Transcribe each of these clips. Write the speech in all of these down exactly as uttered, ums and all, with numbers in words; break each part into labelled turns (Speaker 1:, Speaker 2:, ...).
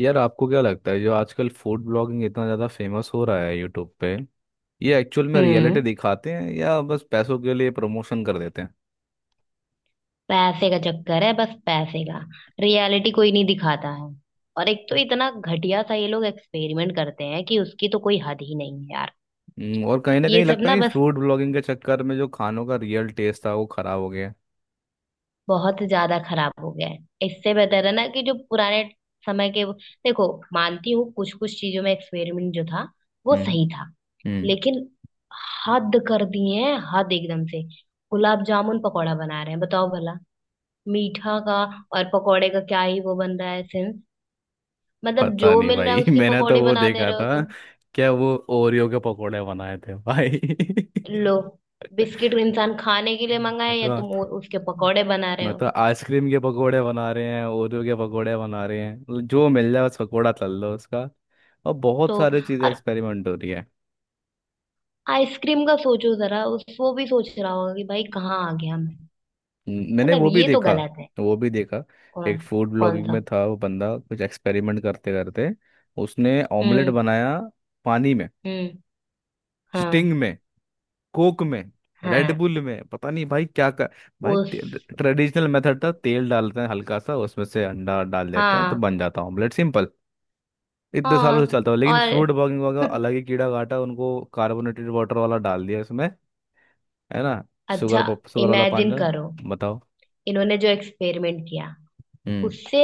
Speaker 1: यार, आपको क्या लगता है जो आजकल फूड ब्लॉगिंग इतना ज़्यादा फेमस हो रहा है यूट्यूब पे? ये एक्चुअल में रियलिटी
Speaker 2: हम्म।
Speaker 1: दिखाते हैं या बस पैसों के लिए प्रमोशन कर देते हैं?
Speaker 2: पैसे का चक्कर है बस पैसे का। रियलिटी कोई नहीं दिखाता है। और एक तो इतना घटिया सा ये लोग एक्सपेरिमेंट करते हैं कि उसकी तो कोई हद ही नहीं है यार।
Speaker 1: हम्म, और कहीं ना
Speaker 2: ये
Speaker 1: कहीं
Speaker 2: सब
Speaker 1: लगता
Speaker 2: ना
Speaker 1: नहीं
Speaker 2: बस
Speaker 1: फूड ब्लॉगिंग के चक्कर में जो खानों का रियल टेस्ट था वो खराब हो गया?
Speaker 2: बहुत ज्यादा खराब हो गया है। इससे बेहतर है ना कि जो पुराने समय के देखो। मानती हूँ कुछ कुछ चीजों में एक्सपेरिमेंट जो था वो
Speaker 1: हम्म.
Speaker 2: सही था।
Speaker 1: हम्म.
Speaker 2: लेकिन हद कर दिए हैं हद एकदम से। गुलाब जामुन पकौड़ा बना रहे हैं बताओ भला। मीठा का और पकौड़े का क्या ही वो बन रहा है सेंस। मतलब जो
Speaker 1: पता नहीं
Speaker 2: मिल रहा है
Speaker 1: भाई.
Speaker 2: उसकी
Speaker 1: मैंने तो
Speaker 2: पकौड़ी
Speaker 1: वो
Speaker 2: बना दे
Speaker 1: देखा
Speaker 2: रहे हो
Speaker 1: था.
Speaker 2: तुम।
Speaker 1: क्या वो ओरियो के पकोड़े बनाए थे भाई?
Speaker 2: लो बिस्किट इंसान खाने के लिए
Speaker 1: ये
Speaker 2: मंगाए या
Speaker 1: तो
Speaker 2: तुम वो- उसके पकौड़े बना रहे
Speaker 1: मैं
Speaker 2: हो।
Speaker 1: तो आइसक्रीम के पकोड़े बना रहे हैं, ओरियो के पकोड़े बना रहे हैं, जो मिल जाए बस पकोड़ा तल लो उसका. और बहुत
Speaker 2: तो
Speaker 1: सारे चीज़ें
Speaker 2: और
Speaker 1: एक्सपेरिमेंट हो रही है.
Speaker 2: आइसक्रीम का सोचो जरा उस वो भी सोच रहा होगा कि भाई कहाँ आ गया मैं।
Speaker 1: हम्म, मैंने
Speaker 2: मतलब
Speaker 1: वो भी
Speaker 2: ये तो
Speaker 1: देखा.
Speaker 2: गलत है।
Speaker 1: वो भी देखा. एक
Speaker 2: कौन।
Speaker 1: फूड
Speaker 2: कौन
Speaker 1: ब्लॉगिंग
Speaker 2: सा।
Speaker 1: में था वो बंदा, कुछ एक्सपेरिमेंट करते करते उसने ऑमलेट
Speaker 2: हम्म।
Speaker 1: बनाया पानी में,
Speaker 2: हम्म।
Speaker 1: स्टिंग
Speaker 2: हाँ।
Speaker 1: में, कोक में,
Speaker 2: हाँ
Speaker 1: रेडबुल में. पता नहीं भाई क्या कर. भाई,
Speaker 2: उस
Speaker 1: ट्रेडिशनल मेथड था, तेल डालते हैं हल्का सा, उसमें से अंडा डाल देते हैं तो
Speaker 2: हाँ
Speaker 1: बन जाता है ऑमलेट, सिंपल. इतने सालों से
Speaker 2: हाँ
Speaker 1: चलता हुआ, लेकिन
Speaker 2: और
Speaker 1: फ्रूट ब्लॉगिंग वाला अलग ही कीड़ा काटा उनको, कार्बोनेटेड वाटर वाला डाल दिया इसमें. है ना? शुगर,
Speaker 2: अच्छा।
Speaker 1: शुगर वाला पानी
Speaker 2: इमेजिन करो।
Speaker 1: डाल- बताओ.
Speaker 2: इन्होंने जो एक्सपेरिमेंट किया उससे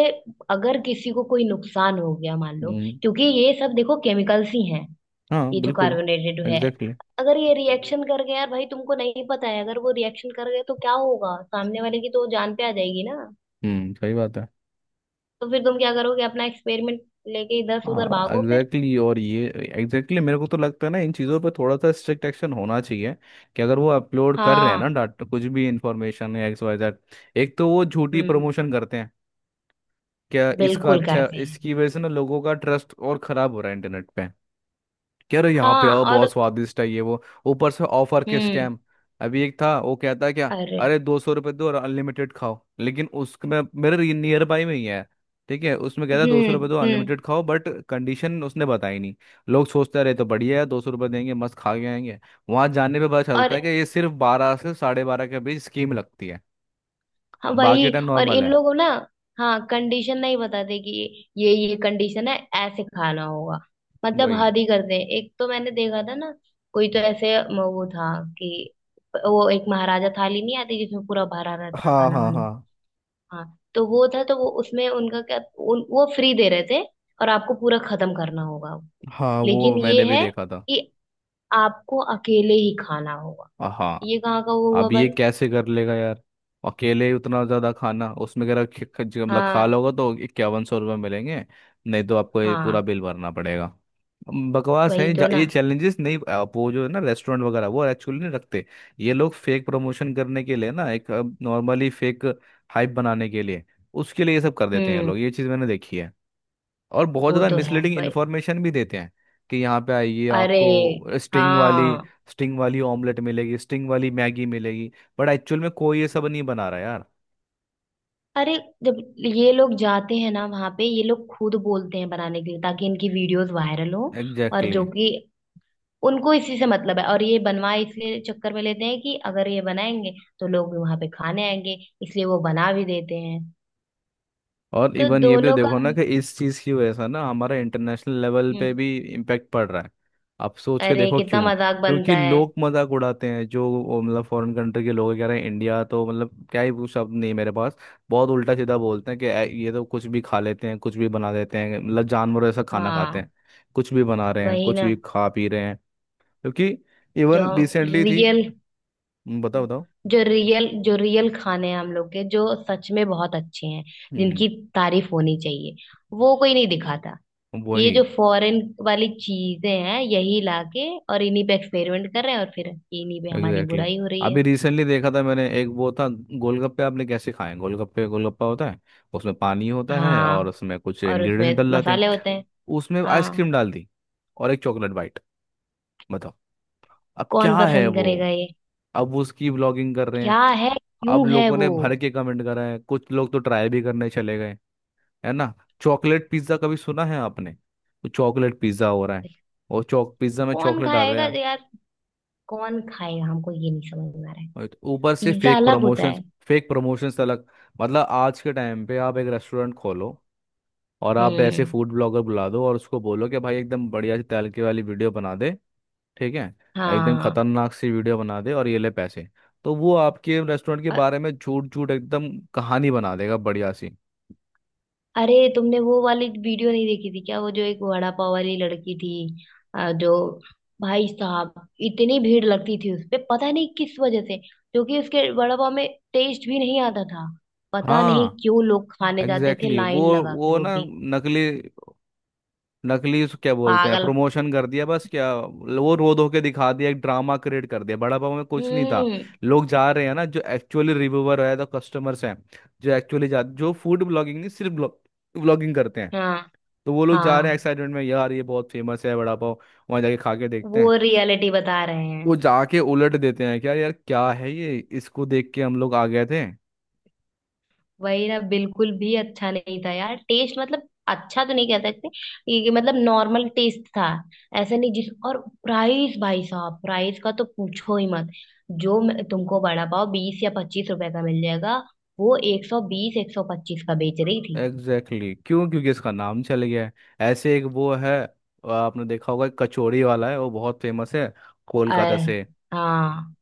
Speaker 2: अगर किसी को कोई नुकसान हो गया मान लो।
Speaker 1: हम्म,
Speaker 2: क्योंकि ये सब देखो केमिकल्स ही हैं।
Speaker 1: हाँ
Speaker 2: ये जो
Speaker 1: बिल्कुल.
Speaker 2: कार्बोनेटेड है
Speaker 1: एग्जैक्टली exactly.
Speaker 2: अगर ये रिएक्शन कर गया यार भाई तुमको नहीं पता है अगर वो रिएक्शन कर गए तो क्या होगा सामने वाले की तो जान पे आ जाएगी ना।
Speaker 1: हम्म सही बात है.
Speaker 2: तो फिर तुम क्या करोगे अपना एक्सपेरिमेंट लेके इधर से उधर
Speaker 1: हाँ
Speaker 2: भागो फिर।
Speaker 1: एग्जैक्टली exactly, और ये एग्जैक्टली exactly, मेरे को तो लगता है ना इन चीज़ों पे थोड़ा सा स्ट्रिक्ट एक्शन होना चाहिए. कि अगर वो अपलोड कर रहे हैं ना
Speaker 2: हाँ।
Speaker 1: डाटा, कुछ भी इंफॉर्मेशन या एक्स वाई जेड. एक तो वो झूठी
Speaker 2: हम्म।
Speaker 1: प्रमोशन करते हैं. क्या इसका
Speaker 2: बिल्कुल
Speaker 1: अच्छा,
Speaker 2: करते हैं।
Speaker 1: इसकी वजह से ना लोगों का ट्रस्ट और खराब हो रहा है इंटरनेट पे. यार यहाँ पे
Speaker 2: हाँ
Speaker 1: आओ, बहुत
Speaker 2: और।
Speaker 1: स्वादिष्ट है ये वो. ऊपर से ऑफर के
Speaker 2: हम्म।
Speaker 1: स्कैम. अभी एक था वो कहता है क्या,
Speaker 2: अरे।
Speaker 1: अरे दो सौ रुपये दो और अनलिमिटेड खाओ, लेकिन उसमें. मेरे नियर बाई में ही है. ठीक है, उसमें कहता है दो सौ रुपये
Speaker 2: हम्म।
Speaker 1: दो
Speaker 2: हम्म।
Speaker 1: अनलिमिटेड खाओ, बट कंडीशन उसने बताई नहीं. लोग सोचते रहे तो बढ़िया है, दो सौ रुपये देंगे मस्त खा के आएंगे. वहां जाने पे पता चलता
Speaker 2: और
Speaker 1: है कि ये सिर्फ बारह से साढ़े बारह के बीच स्कीम लगती है,
Speaker 2: हाँ
Speaker 1: बाकी
Speaker 2: वही
Speaker 1: टाइम
Speaker 2: और
Speaker 1: नॉर्मल
Speaker 2: इन
Speaker 1: है.
Speaker 2: लोगों ना। हाँ कंडीशन नहीं बताते कि ये ये कंडीशन है ऐसे खाना होगा। मतलब
Speaker 1: वही.
Speaker 2: हद ही करते हैं एक तो मैंने देखा था ना। कोई तो ऐसे म- वो था कि वो एक महाराजा थाली नहीं आती जिसमें पूरा भरा रहता है
Speaker 1: हाँ
Speaker 2: खाना
Speaker 1: हाँ
Speaker 2: वाना।
Speaker 1: हाँ
Speaker 2: हाँ तो वो था तो वो उसमें उनका क्या उन, वो फ्री दे रहे थे और आपको पूरा खत्म करना होगा।
Speaker 1: हाँ. वो
Speaker 2: लेकिन ये
Speaker 1: मैंने भी
Speaker 2: है
Speaker 1: देखा था.
Speaker 2: कि आपको अकेले ही खाना होगा।
Speaker 1: हाँ,
Speaker 2: ये कहाँ का वो हुआ
Speaker 1: अब
Speaker 2: भाई।
Speaker 1: ये कैसे कर लेगा यार? अकेले उतना ज़्यादा खाना, उसमें अगर ख- ख- जो मतलब खा
Speaker 2: हाँ।
Speaker 1: लोगे तो इक्यावन सौ रुपये मिलेंगे, नहीं तो आपको ये पूरा
Speaker 2: हाँ
Speaker 1: बिल भरना पड़ेगा. अम, बकवास है.
Speaker 2: वही तो
Speaker 1: जा- ये
Speaker 2: ना।
Speaker 1: चैलेंजेस नहीं, आप वो जो है ना रेस्टोरेंट वगैरह वो एक्चुअली नहीं रखते. ये लोग फेक प्रमोशन करने के लिए ना, एक नॉर्मली फेक हाइप बनाने के लिए, उसके लिए ये सब कर देते हैं ये
Speaker 2: हम्म।
Speaker 1: लोग, ये चीज़ मैंने देखी है. और बहुत
Speaker 2: वो
Speaker 1: ज़्यादा
Speaker 2: तो है
Speaker 1: मिसलीडिंग
Speaker 2: भाई।
Speaker 1: इन्फॉर्मेशन भी देते हैं, कि यहाँ पे आइए
Speaker 2: अरे।
Speaker 1: आपको स्टिंग वाली,
Speaker 2: हाँ।
Speaker 1: स्टिंग वाली ऑमलेट मिलेगी, स्टिंग वाली मैगी मिलेगी. बट एक्चुअल में कोई ये सब नहीं बना रहा यार.
Speaker 2: अरे जब ये लोग जाते हैं ना वहां पे ये लोग खुद बोलते हैं बनाने के लिए ताकि इनकी वीडियोस वायरल हो। और जो
Speaker 1: एग्जैक्टली.
Speaker 2: कि उनको इसी से मतलब है और ये बनवाए इसलिए चक्कर में लेते हैं कि अगर ये बनाएंगे तो लोग भी वहां पे खाने आएंगे। इसलिए वो बना भी देते हैं।
Speaker 1: और
Speaker 2: तो
Speaker 1: इवन ये भी तो
Speaker 2: दोनों का।
Speaker 1: देखो ना, कि इस चीज़ की वजह से ना हमारा इंटरनेशनल लेवल पे
Speaker 2: हम्म।
Speaker 1: भी इम्पैक्ट पड़ रहा है. आप सोच के
Speaker 2: अरे
Speaker 1: देखो
Speaker 2: कितना
Speaker 1: क्यों.
Speaker 2: मजाक
Speaker 1: क्योंकि
Speaker 2: बनता है।
Speaker 1: लोग मजाक उड़ाते हैं, जो वो मतलब फॉरेन कंट्री के लोग कह रहे हैं इंडिया तो मतलब, क्या ही वो, शब्द नहीं है मेरे पास. बहुत उल्टा सीधा बोलते हैं कि "ऐ, ये तो कुछ भी खा लेते हैं, कुछ भी बना देते हैं, मतलब जानवर ऐसा खाना खाते
Speaker 2: हाँ
Speaker 1: हैं, कुछ भी बना रहे हैं,
Speaker 2: वही
Speaker 1: कुछ
Speaker 2: ना।
Speaker 1: भी खा पी रहे हैं." क्योंकि
Speaker 2: जो
Speaker 1: इवन रिसेंटली थी.
Speaker 2: रियल।
Speaker 1: हम्म, बताओ
Speaker 2: हम्म।
Speaker 1: बताओ.
Speaker 2: जो रियल जो रियल खाने हैं हम लोग के जो सच में बहुत अच्छे हैं
Speaker 1: हम्म.
Speaker 2: जिनकी तारीफ होनी चाहिए वो कोई नहीं दिखाता। ये
Speaker 1: वही.
Speaker 2: जो फॉरेन वाली चीजें हैं यही लाके और इन्हीं पे एक्सपेरिमेंट कर रहे हैं और फिर इन्हीं पे हमारी
Speaker 1: एग्जैक्टली exactly.
Speaker 2: बुराई हो रही है।
Speaker 1: अभी रिसेंटली देखा था मैंने एक, वो था गोलगप्पे. आपने कैसे खाए हैं गोलगप्पे? गोलगप्पा होता है, उसमें पानी होता है और
Speaker 2: हाँ।
Speaker 1: उसमें कुछ
Speaker 2: और
Speaker 1: इंग्रेडिएंट्स
Speaker 2: उसमें
Speaker 1: डल जाते हैं.
Speaker 2: मसाले होते हैं।
Speaker 1: उसमें आइसक्रीम
Speaker 2: हाँ।
Speaker 1: डाल दी और एक चॉकलेट बाइट. बताओ, अब
Speaker 2: कौन
Speaker 1: क्या है
Speaker 2: पसंद
Speaker 1: वो.
Speaker 2: करेगा ये।
Speaker 1: अब वो उसकी व्लॉगिंग कर रहे हैं.
Speaker 2: क्या है।
Speaker 1: अब
Speaker 2: क्यों है
Speaker 1: लोगों
Speaker 2: वो।
Speaker 1: ने भर के कमेंट करा है, कुछ लोग तो ट्राई भी करने चले गए. है ना? चॉकलेट पिज्ज़ा कभी सुना है आपने? वो चॉकलेट पिज्ज़ा हो रहा है. वो चॉक पिज्ज़ा में
Speaker 2: कौन
Speaker 1: चॉकलेट डाल रहे
Speaker 2: खाएगा
Speaker 1: हैं.
Speaker 2: यार। कौन खाएगा हमको ये नहीं समझ में आ रहा है।
Speaker 1: right, ऊपर से
Speaker 2: पिज्जा
Speaker 1: फेक
Speaker 2: अलग होता
Speaker 1: प्रमोशंस.
Speaker 2: है।
Speaker 1: फेक प्रमोशंस अलग. मतलब आज के टाइम पे आप एक रेस्टोरेंट खोलो, और आप ऐसे
Speaker 2: हम्म।
Speaker 1: फूड ब्लॉगर बुला दो और उसको बोलो कि भाई एकदम बढ़िया सी तैलके वाली वीडियो बना दे, ठीक है, एकदम
Speaker 2: हाँ।
Speaker 1: खतरनाक सी वीडियो बना दे और ये ले पैसे. तो वो आपके रेस्टोरेंट के बारे में झूठ झूठ एकदम कहानी बना देगा बढ़िया सी.
Speaker 2: अरे तुमने वो वाली वीडियो नहीं देखी थी क्या वो जो एक वड़ा पाव वाली लड़की थी। अ, जो भाई साहब इतनी भीड़ लगती थी उस पे पता नहीं किस वजह से क्योंकि उसके वड़ा पाव में टेस्ट भी नहीं आता था। पता नहीं
Speaker 1: हाँ
Speaker 2: क्यों लोग खाने जाते थे
Speaker 1: एग्जैक्टली exactly.
Speaker 2: लाइन
Speaker 1: वो
Speaker 2: लगा के
Speaker 1: वो
Speaker 2: वो
Speaker 1: ना,
Speaker 2: भी
Speaker 1: नकली, नकली उसको क्या बोलते हैं,
Speaker 2: पागल।
Speaker 1: प्रमोशन कर दिया बस, क्या वो रो धो के दिखा दिया, एक ड्रामा क्रिएट कर दिया, बड़ा पाव में कुछ नहीं था.
Speaker 2: हम्म।
Speaker 1: लोग जा रहे हैं ना, जो एक्चुअली रिव्यूवर है तो कस्टमर्स हैं, जो एक्चुअली जा जो फूड ब्लॉगिंग नहीं, सिर्फ ब्लॉगिंग करते हैं,
Speaker 2: हाँ।
Speaker 1: तो वो लोग जा रहे हैं
Speaker 2: हाँ।
Speaker 1: एक्साइटमेंट में, यार ये बहुत फेमस है बड़ा पाव, वहाँ जाके खा के देखते
Speaker 2: वो
Speaker 1: हैं.
Speaker 2: रियलिटी बता रहे
Speaker 1: वो
Speaker 2: हैं।
Speaker 1: जाके उलट देते हैं, क्या यार क्या है ये, इसको देख के हम लोग आ गए थे.
Speaker 2: वही ना बिल्कुल भी अच्छा नहीं था यार टेस्ट मतलब अच्छा तो नहीं कह सकते। ये ये मतलब नॉर्मल टेस्ट था ऐसा नहीं जिस और प्राइस भाई साहब प्राइस का तो पूछो ही मत। जो मैं- तुमको बड़ा पाव बीस या पच्चीस रुपए का मिल जाएगा। वो एक सौ बीस एक सौ पच्चीस का बेच रही थी।
Speaker 1: Exactly exactly. क्यों? क्योंकि इसका नाम चल गया है. ऐसे एक वो है, आपने देखा होगा, एक कचौड़ी वाला है, वो बहुत फेमस है कोलकाता
Speaker 2: अरे।
Speaker 1: से.
Speaker 2: हाँ।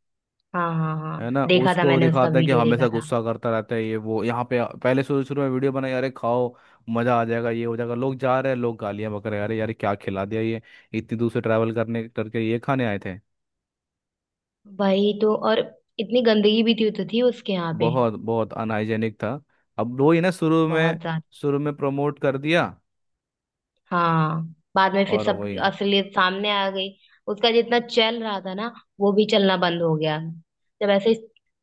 Speaker 2: हाँ हाँ हाँ
Speaker 1: है ना?
Speaker 2: देखा था
Speaker 1: उसको
Speaker 2: मैंने उसका
Speaker 1: दिखाता है कि
Speaker 2: वीडियो
Speaker 1: हमेशा
Speaker 2: देखा था।
Speaker 1: गुस्सा करता रहता है ये वो, यहाँ पे पहले शुरू शुरू में वीडियो बनाई, अरे खाओ मजा आ जाएगा, ये हो जाएगा. लोग जा रहे हैं, लोग गालियां बक रहे हैं, अरे यार क्या खिला दिया ये, इतनी दूर से ट्रैवल करने करके ये खाने आए थे.
Speaker 2: वही तो और इतनी गंदगी भी थी तो थी उसके यहाँ पे
Speaker 1: बहुत बहुत अनहाइजेनिक था. अब वो ही ना, शुरू में,
Speaker 2: बहुत।
Speaker 1: शुरू में प्रमोट कर दिया.
Speaker 2: हाँ। बाद में फिर
Speaker 1: और
Speaker 2: सब
Speaker 1: वही
Speaker 2: असलियत सामने आ गई। उसका जितना चल रहा था ना वो भी चलना बंद हो गया। जब ऐसे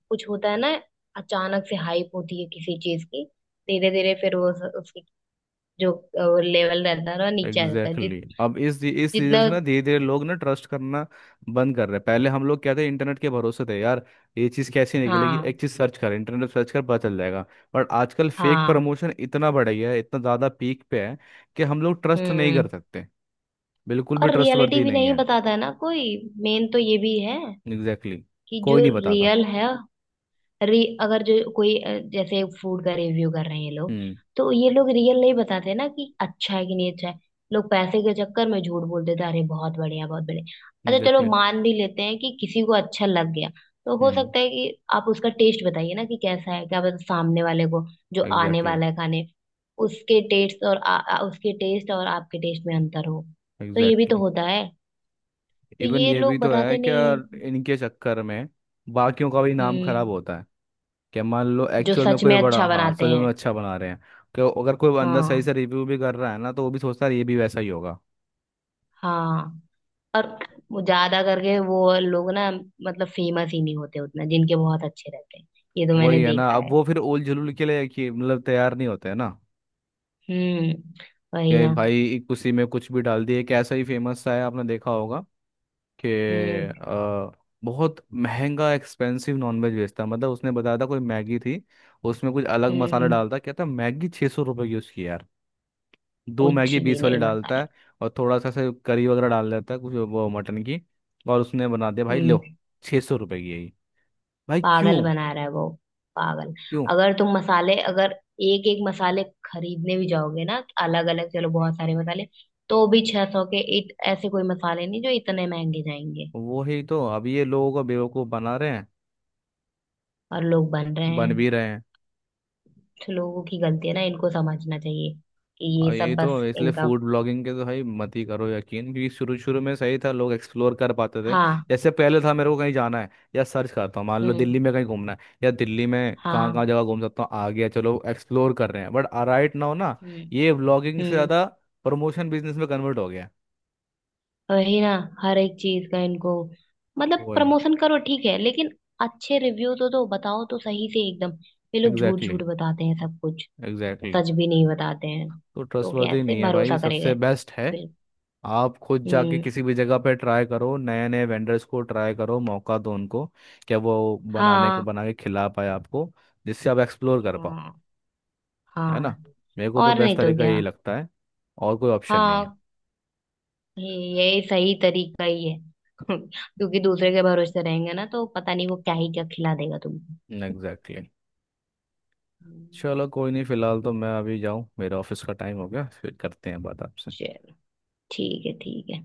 Speaker 2: कुछ होता है ना अचानक से हाइप होती है किसी चीज की धीरे धीरे फिर वो उस- उसकी जो लेवल रहता है ना नीचे आ जाता है जित
Speaker 1: एग्जैक्टली exactly. अब इस इस सीजन
Speaker 2: जितना।
Speaker 1: से ना धीरे धीरे लोग ना ट्रस्ट करना बंद कर रहे हैं. पहले हम लोग क्या थे, इंटरनेट के भरोसे थे यार. ये चीज़ कैसी निकलेगी, एक
Speaker 2: हाँ।
Speaker 1: चीज़ सर्च कर, इंटरनेट सर्च कर पता चल जाएगा. बट आजकल फेक
Speaker 2: हाँ।
Speaker 1: प्रमोशन इतना बढ़ गया है, इतना ज़्यादा पीक पे है कि हम लोग ट्रस्ट नहीं
Speaker 2: हम्म।
Speaker 1: कर सकते. बिल्कुल भी
Speaker 2: और रियलिटी
Speaker 1: ट्रस्टवर्दी
Speaker 2: भी
Speaker 1: नहीं
Speaker 2: नहीं
Speaker 1: है.
Speaker 2: बताता है ना कोई। मेन तो ये भी है
Speaker 1: एग्जैक्टली exactly.
Speaker 2: कि जो
Speaker 1: कोई नहीं बताता.
Speaker 2: रियल है री अगर जो कोई अ, जैसे फूड का रिव्यू कर रहे हैं ये लोग
Speaker 1: हम्म.
Speaker 2: तो ये लोग रियल नहीं बताते ना कि अच्छा है कि नहीं अच्छा है। लोग पैसे के चक्कर में झूठ बोल देते हैं, अरे बहुत बढ़िया बहुत बढ़िया। अच्छा चलो
Speaker 1: एग्जैक्टली.
Speaker 2: मान भी लेते हैं कि किसी को अच्छा लग गया तो हो
Speaker 1: हम्म.
Speaker 2: सकता है कि आप उसका टेस्ट बताइए ना कि कैसा है क्या पता सामने वाले को जो आने
Speaker 1: एग्जैक्टली.
Speaker 2: वाला है खाने उसके टेस्ट और आ, आ, उसके टेस्ट और आपके टेस्ट में अंतर हो। तो ये भी तो
Speaker 1: एग्जैक्टली.
Speaker 2: होता है। तो
Speaker 1: इवन
Speaker 2: ये
Speaker 1: ये भी
Speaker 2: लोग
Speaker 1: तो है
Speaker 2: बताते
Speaker 1: क्या,
Speaker 2: नहीं है।
Speaker 1: इनके चक्कर में बाकियों का भी नाम खराब
Speaker 2: हम्म।
Speaker 1: होता है. क्या, मान लो
Speaker 2: जो
Speaker 1: एक्चुअल में
Speaker 2: सच में
Speaker 1: कोई बड़ा,
Speaker 2: अच्छा
Speaker 1: हाँ सच
Speaker 2: बनाते
Speaker 1: में
Speaker 2: हैं।
Speaker 1: अच्छा बना रहे हैं, कि अगर कोई बंदा सही
Speaker 2: हाँ।
Speaker 1: से रिव्यू भी कर रहा है ना, तो वो भी सोचता है ये भी वैसा ही होगा.
Speaker 2: हाँ। और वो ज्यादा करके वो लोग ना मतलब फेमस ही नहीं होते उतना जिनके बहुत अच्छे रहते हैं। ये तो मैंने
Speaker 1: वही है ना,
Speaker 2: देखा
Speaker 1: अब
Speaker 2: है।
Speaker 1: वो फिर ओल जुलूल के लिए कि मतलब तैयार नहीं होते, है ना?
Speaker 2: हम्म। वही
Speaker 1: कि
Speaker 2: ना।
Speaker 1: भाई उसी में कुछ भी डाल दिए. एक ऐसा ही फेमस सा है, आपने देखा होगा कि
Speaker 2: हम्म।
Speaker 1: अ, बहुत महंगा एक्सपेंसिव नॉनवेज बेचता है. मतलब उसने बताया था, कोई मैगी थी, उसमें कुछ अलग
Speaker 2: हम्म।
Speaker 1: मसाला
Speaker 2: हम्म,
Speaker 1: डालता, कहता मैगी छः सौ रुपये की उसकी यार. दो
Speaker 2: कुछ
Speaker 1: मैगी
Speaker 2: भी
Speaker 1: बीस वाली
Speaker 2: नहीं
Speaker 1: डालता
Speaker 2: मसाला।
Speaker 1: है और थोड़ा सा से करी वगैरह डाल देता है, कुछ वो मटन की, और उसने बना दिया, भाई लो
Speaker 2: हम्म।
Speaker 1: छः सौ रुपये की, यही. भाई क्यों.
Speaker 2: पागल बना रहा है वो। पागल।
Speaker 1: क्यों.
Speaker 2: अगर तुम मसाले अगर एक एक मसाले खरीदने भी जाओगे ना अलग अलग चलो बहुत सारे मसाले तो भी छह सौ के इत, ऐसे कोई मसाले नहीं जो इतने महंगे जाएंगे।
Speaker 1: वही तो, अब ये लोगों को बेवकूफ़ बना रहे हैं.
Speaker 2: और लोग बन रहे
Speaker 1: बन भी
Speaker 2: हैं।
Speaker 1: रहे हैं.
Speaker 2: तो लोगों की गलती है ना इनको समझना चाहिए कि
Speaker 1: और
Speaker 2: ये
Speaker 1: ये
Speaker 2: सब
Speaker 1: तो,
Speaker 2: बस
Speaker 1: इसलिए
Speaker 2: इनका।
Speaker 1: फूड ब्लॉगिंग के तो भाई मत ही करो यकीन, क्योंकि शुरू शुरू में सही था, लोग एक्सप्लोर कर पाते थे.
Speaker 2: हाँ।
Speaker 1: जैसे पहले था मेरे को कहीं जाना है या सर्च करता हूँ, मान लो
Speaker 2: हम्म।
Speaker 1: दिल्ली में कहीं घूमना है या दिल्ली में कहाँ कहाँ
Speaker 2: हाँ।
Speaker 1: जगह घूम सकता हूँ, आ गया, चलो एक्सप्लोर कर रहे हैं. बट राइट नाउ ना,
Speaker 2: हम्म।
Speaker 1: ये ब्लॉगिंग से
Speaker 2: हम्म।
Speaker 1: ज़्यादा प्रमोशन बिजनेस में कन्वर्ट हो गया है.
Speaker 2: वही ना। हर एक चीज का इनको मतलब
Speaker 1: वो.
Speaker 2: प्रमोशन करो ठीक है लेकिन अच्छे रिव्यू तो दो बताओ तो सही से एकदम। ये लोग झूठ
Speaker 1: एग्जैक्टली.
Speaker 2: झूठ बताते हैं सब कुछ।
Speaker 1: एग्जैक्टली.
Speaker 2: सच भी नहीं बताते हैं।
Speaker 1: तो
Speaker 2: तो
Speaker 1: ट्रस्टवर्दी
Speaker 2: कैसे
Speaker 1: नहीं है भाई.
Speaker 2: भरोसा
Speaker 1: सबसे
Speaker 2: करेगा।
Speaker 1: बेस्ट है,
Speaker 2: बिल।
Speaker 1: आप खुद जाके
Speaker 2: हम्म।
Speaker 1: किसी भी जगह पे ट्राई करो, नए नए वेंडर्स को ट्राई करो, मौका दो उनको, क्या वो बनाने को
Speaker 2: हाँ।
Speaker 1: बना के खिला पाए आपको, जिससे आप एक्सप्लोर कर पाओ.
Speaker 2: हाँ।
Speaker 1: है
Speaker 2: हाँ
Speaker 1: ना? मेरे को तो
Speaker 2: और
Speaker 1: बेस्ट
Speaker 2: नहीं तो
Speaker 1: तरीका यही
Speaker 2: क्या।
Speaker 1: लगता है, और कोई ऑप्शन नहीं है.
Speaker 2: हाँ ये ये सही तरीका ही है क्योंकि दूसरे के भरोसे रहेंगे ना तो पता नहीं वो क्या ही क्या खिला देगा तुमको
Speaker 1: एग्जैक्टली exactly.
Speaker 2: हम्म।
Speaker 1: चलो कोई नहीं, फिलहाल तो मैं अभी जाऊँ, मेरा ऑफिस का टाइम हो गया, फिर करते हैं बात आपसे.
Speaker 2: चलो ठीक है ठीक है।